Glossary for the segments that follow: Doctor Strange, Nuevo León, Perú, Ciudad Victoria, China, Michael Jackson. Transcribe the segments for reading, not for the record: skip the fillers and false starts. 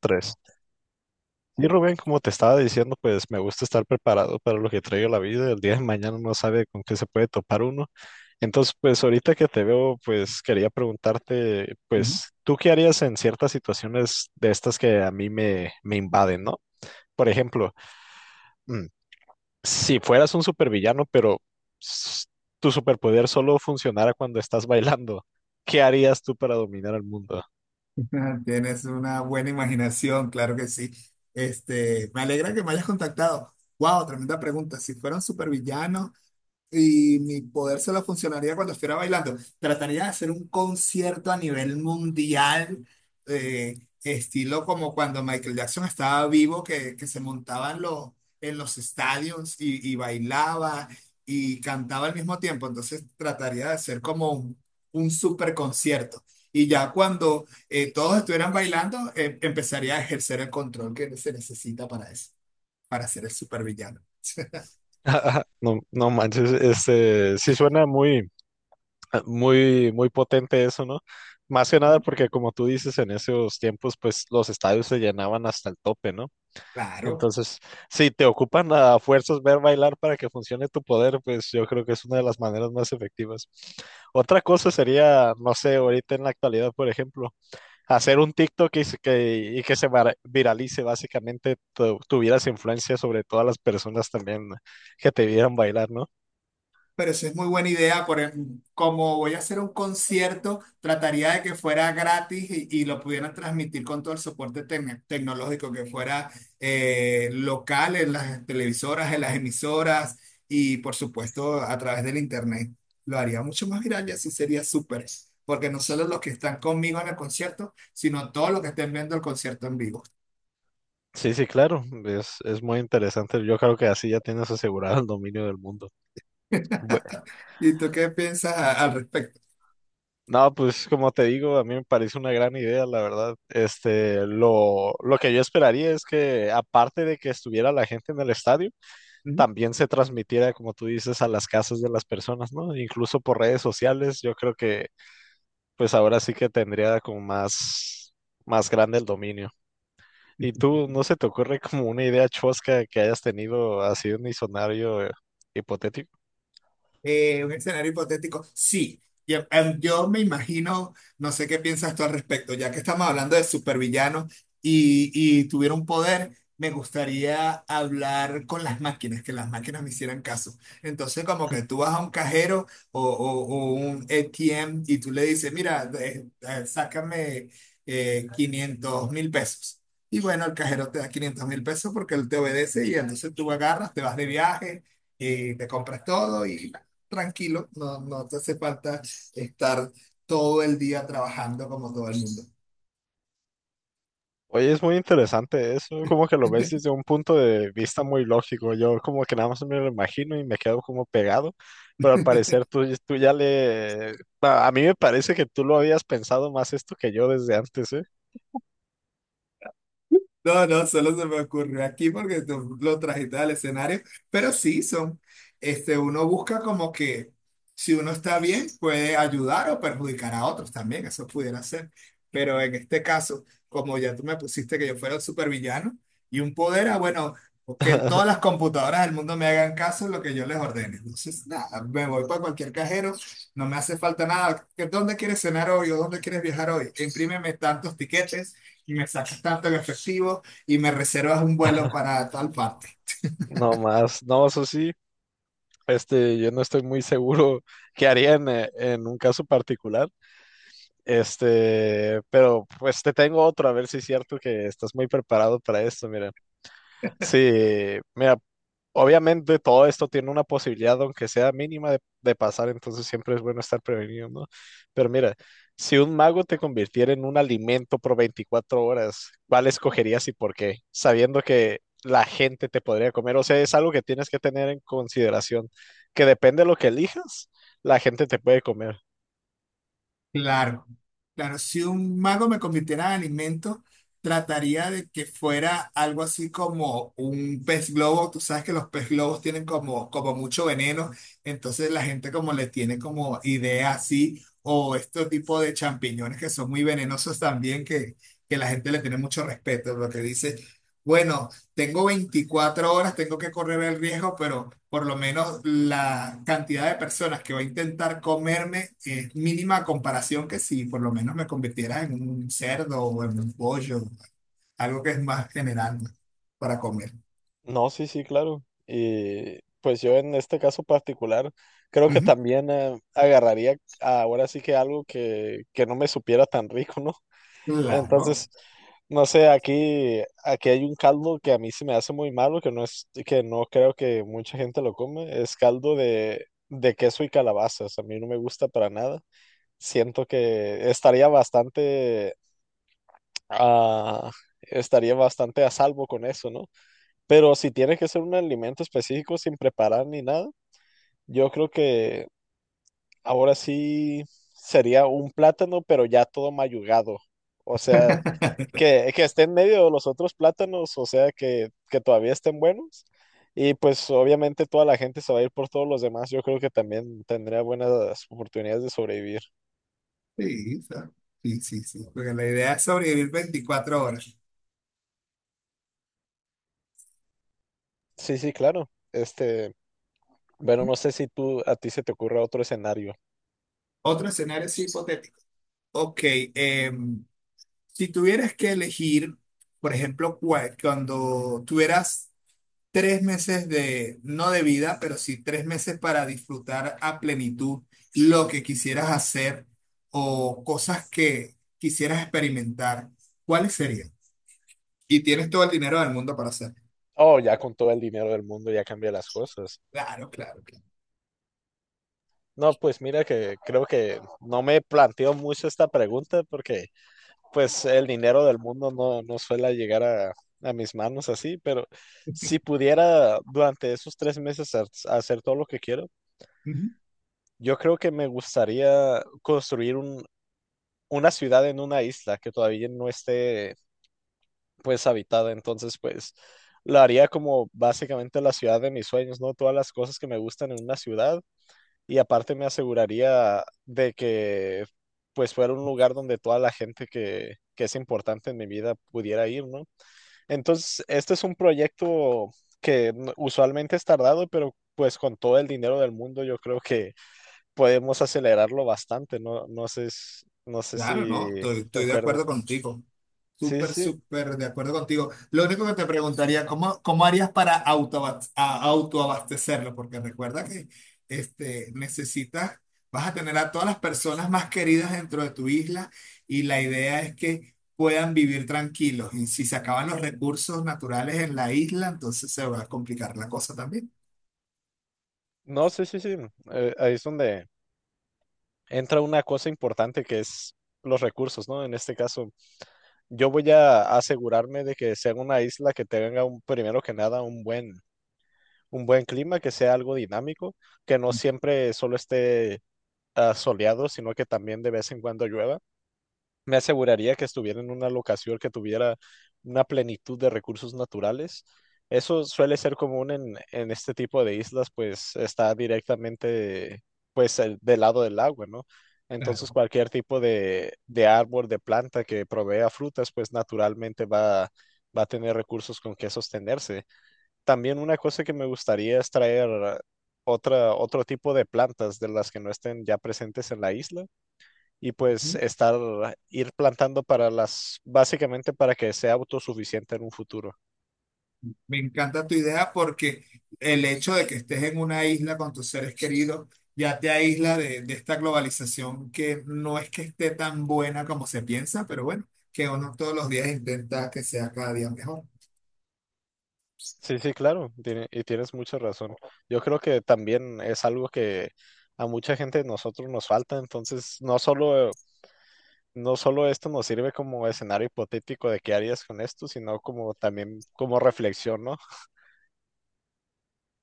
Tres. Y Rubén, como te estaba diciendo, pues me gusta estar preparado para lo que traigo la vida. El día de mañana no sabe con qué se puede topar uno. Entonces, pues ahorita que te veo, pues quería preguntarte, Ujú. pues, ¿tú qué harías en ciertas situaciones de estas que a mí me invaden?, ¿no? Por ejemplo, mm, si fueras un supervillano, pero s- tu superpoder solo funcionara cuando estás bailando, ¿qué harías tú para dominar el mundo? Tienes una buena imaginación, claro que sí. Este, me alegra que me hayas contactado. Wow, tremenda pregunta. Si fueran supervillanos, y mi poder se solo funcionaría cuando estuviera bailando. Trataría de hacer un concierto a nivel mundial, estilo como cuando Michael Jackson estaba vivo, que se montaban en los estadios y bailaba y cantaba al mismo tiempo. Entonces trataría de hacer como un super concierto. Y ya cuando todos estuvieran bailando, empezaría a ejercer el control que se necesita para eso, para ser el supervillano. No, no manches, este, sí suena muy muy, muy potente eso, ¿no? Más que nada porque como tú dices, en esos tiempos pues los estadios se llenaban hasta el tope, ¿no? Claro. Entonces, si te ocupan a fuerzas ver bailar para que funcione tu poder, pues yo creo que es una de las maneras más efectivas. Otra cosa sería, no sé, ahorita en la actualidad, por ejemplo, hacer un TikTok y y que viralice, básicamente tuvieras influencia sobre todas las personas también que te vieran bailar, ¿no? Pero eso es muy buena idea, por ejemplo, como voy a hacer un concierto, trataría de que fuera gratis y lo pudieran transmitir con todo el soporte tecnológico, que fuera local en las televisoras, en las emisoras y por supuesto a través del internet. Lo haría mucho más viral y así sería súper, porque no solo los que están conmigo en el concierto, sino todos los que estén viendo el concierto en vivo. Sí, sí, claro, es muy interesante. Yo creo que así ya tienes asegurado el dominio del mundo. Bue- ¿Y tú qué piensas al respecto? no, pues como te digo, a mí me parece una gran idea, la verdad. Este, lo que yo esperaría es que, aparte de que estuviera la gente en el estadio, también se transmitiera, como tú dices, a las casas de las personas, ¿no? Incluso por redes sociales, yo creo que, pues ahora sí que tendría como más grande el dominio. ¿Y tú, no se te ocurre como una idea chosca que hayas tenido así un escenario hipotético? Un escenario hipotético, sí. Y, yo me imagino, no sé qué piensas tú al respecto, ya que estamos hablando de supervillanos y tuviera un poder, me gustaría hablar con las máquinas, que las máquinas me hicieran caso. Entonces, como que tú vas a un cajero o un ATM y tú le dices, mira, sácame 500 mil pesos. Y bueno, el cajero te da 500.000 pesos porque él te obedece y entonces tú agarras, te vas de viaje y te compras todo y tranquilo, no, no te hace falta estar todo el día trabajando como todo el mundo. Oye, es muy interesante eso, como que lo ves desde un punto de vista muy lógico. Yo como que nada más me lo imagino y me quedo como pegado, pero al parecer tú ya le. A mí me parece que tú lo habías pensado más esto que yo desde antes, ¿eh? No, no, solo se me ocurrió aquí porque tú lo trajiste al escenario, pero sí son, este, uno busca como que si uno está bien puede ayudar o perjudicar a otros también, eso pudiera ser, pero en este caso, como ya tú me pusiste que yo fuera un supervillano y un poder, ah, bueno, que todas las computadoras del mundo me hagan caso en lo que yo les ordene, entonces nada, me voy para cualquier cajero, no me hace falta nada. ¿Que dónde quieres cenar hoy o dónde quieres viajar hoy? Imprímeme tantos tiquetes y me sacas tanto en efectivo y me reservas un vuelo para tal parte. No más, no, eso sí, este, yo no estoy muy seguro qué haría en un caso particular. Este, pero pues te tengo otro, a ver si es cierto que estás muy preparado para esto, mira. Sí, mira, obviamente todo esto tiene una posibilidad, aunque sea mínima, de pasar, entonces siempre es bueno estar prevenido, ¿no? Pero mira, si un mago te convirtiera en un alimento por 24 horas, ¿cuál escogerías y por qué? Sabiendo que la gente te podría comer, o sea, es algo que tienes que tener en consideración, que depende de lo que elijas, la gente te puede comer. Claro, claro, si un mago me convirtiera en alimento, trataría de que fuera algo así como un pez globo. Tú sabes que los pez globos tienen como mucho veneno, entonces la gente como le tiene como idea así, o este tipo de champiñones que son muy venenosos también, que la gente le tiene mucho respeto, lo que dice. Bueno, tengo 24 horas, tengo que correr el riesgo, pero por lo menos la cantidad de personas que va a intentar comerme es mínima a comparación que si por lo menos me convirtiera en un cerdo o en un pollo, algo que es más general para comer. No, sí, sí, claro. Y pues yo en este caso particular creo que Ujú. también agarraría ahora sí que algo que no me supiera tan rico, ¿no? Claro. Entonces, no sé, aquí hay un caldo que a mí se me hace muy malo, que no creo que mucha gente lo come, es caldo de queso y calabazas. A mí no me gusta para nada. Siento que ah, estaría bastante a salvo con eso, ¿no? Pero si tiene que ser un alimento específico sin preparar ni nada, yo creo que ahora sí sería un plátano, pero ya todo mayugado. O sea, que esté en medio de los otros plátanos, o sea, que todavía estén buenos. Y pues obviamente toda la gente se va a ir por todos los demás. Yo creo que también tendría buenas oportunidades de sobrevivir. Sí, sí, sí, sí, porque la idea es sobrevivir 24 horas. Sí, sí, claro. Este, bueno, no sé si tú a ti se te ocurre otro escenario. Otro escenario es hipotético. Ok, em, si tuvieras que elegir, por ejemplo, cuando tuvieras 3 meses de, no de vida, pero sí 3 meses para disfrutar a plenitud lo que quisieras hacer o cosas que quisieras experimentar, ¿cuáles serían? Y tienes todo el dinero del mundo para hacerlo. Oh, ya con todo el dinero del mundo ya cambia las cosas. Claro, claro, claro. No, pues mira que creo que no me planteo mucho esta pregunta porque pues el dinero del mundo no suele llegar a mis manos así, pero si pudiera durante esos 3 meses hacer todo lo que quiero, yo creo que me gustaría construir una ciudad en una isla que todavía no esté pues habitada, entonces pues lo haría como básicamente la ciudad de mis sueños, ¿no? Todas las cosas que me gustan en una ciudad y aparte me aseguraría de que pues fuera un lugar donde toda la gente que es importante en mi vida pudiera ir, ¿no? Entonces, este es un proyecto que usualmente es tardado, pero pues con todo el dinero del mundo yo creo que podemos acelerarlo bastante, ¿no? No sé, no sé Claro, si no, estoy, estoy de acuerdo concuerdas. contigo. Sí, sí, Súper, sí. súper de acuerdo contigo. Lo único que te preguntaría, ¿cómo, cómo harías para autoabastecerlo? Porque recuerda que este, necesitas, vas a tener a todas las personas más queridas dentro de tu isla y la idea es que puedan vivir tranquilos. Y si se acaban los recursos naturales en la isla, entonces se va a complicar la cosa también. No, sí, sí, sí. Ahí es donde entra una cosa importante que es los recursos, ¿no? En este caso. Yo voy a asegurarme de que sea una isla que tenga primero que nada un buen clima, que sea algo dinámico, que no siempre solo esté soleado, sino que también de vez en cuando llueva. Me aseguraría que estuviera en una locación que tuviera una plenitud de recursos naturales. Eso suele ser común en este tipo de islas, pues está directamente pues del lado del agua, ¿no? Claro. Entonces cualquier tipo de árbol, de planta que provea frutas, pues naturalmente va a tener recursos con que sostenerse. También una cosa que me gustaría es traer otro tipo de plantas de las que no estén ya presentes en la isla y pues ir plantando básicamente para que sea autosuficiente en un futuro. Me encanta tu idea porque el hecho de que estés en una isla con tus seres queridos ya te aísla de esta globalización que no es que esté tan buena como se piensa, pero bueno, que uno todos los días intenta que sea cada día mejor. Sí, sí, claro, y tienes mucha razón. Yo creo que también es algo que a mucha gente de nosotros nos falta, entonces no solo esto nos sirve como escenario hipotético de qué harías con esto, sino como también como reflexión, ¿no?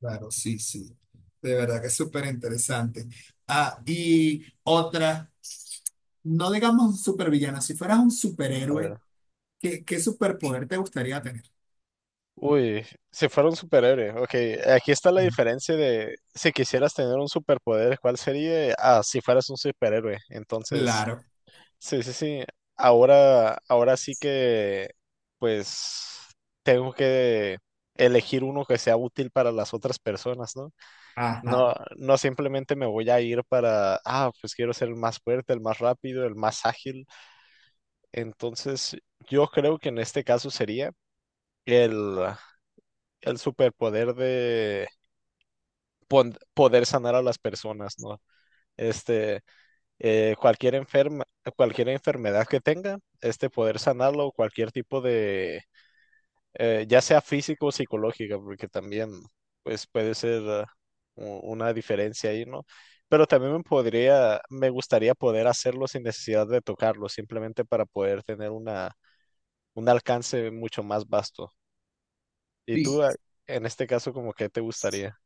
Claro, sí, sí. De verdad que es súper interesante. Ah, y otra, no digamos supervillano, si fueras un A superhéroe, ver. ¿qué, qué superpoder te gustaría tener? Uy, si fuera un superhéroe, ok, aquí está la diferencia de si quisieras tener un superpoder, ¿cuál sería? Ah, si fueras un superhéroe, entonces. Claro, Sí, sí, sí. Ahora sí que, pues, tengo que elegir uno que sea útil para las otras personas, ¿no? ajá. No, no simplemente me voy a ir pues quiero ser el más fuerte, el más rápido, el más ágil. Entonces, yo creo que en este caso sería el, el superpoder de poder sanar a las personas, ¿no? Este, eh, cualquier enferma, cualquier enfermedad que tenga, este poder sanarlo, cualquier tipo de, ya sea físico o psicológica, porque también pues puede ser una diferencia ahí, ¿no? Pero también me gustaría poder hacerlo sin necesidad de tocarlo, simplemente para poder tener un alcance mucho más vasto. ¿Y tú, Sí. En este caso, como que te gustaría?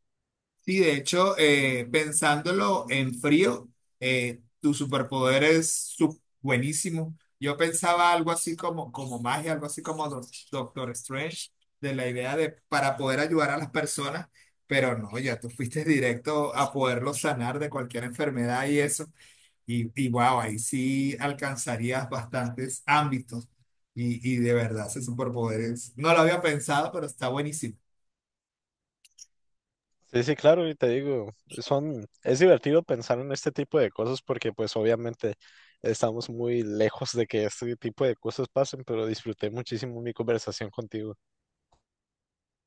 Sí, de hecho, pensándolo en frío, tu superpoder es buenísimo. Yo pensaba algo así como magia, algo así como Doctor Strange, de la idea de para poder ayudar a las personas, pero no, ya tú fuiste directo a poderlo sanar de cualquier enfermedad y eso. Y, wow, ahí sí alcanzarías bastantes ámbitos. Y de verdad, ese superpoder es, no lo había pensado, pero está buenísimo. Sí, sí, claro, y te digo, es divertido pensar en este tipo de cosas porque pues obviamente estamos muy lejos de que este tipo de cosas pasen, pero disfruté muchísimo mi conversación contigo.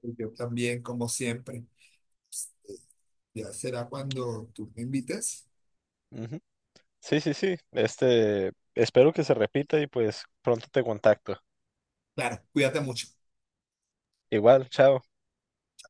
Yo también, como siempre. Pues, ya será cuando tú me invites. Ujú. Sí, sí, sí, este, espero que se repita y pues pronto te contacto. Claro, cuídate mucho. Igual, chao.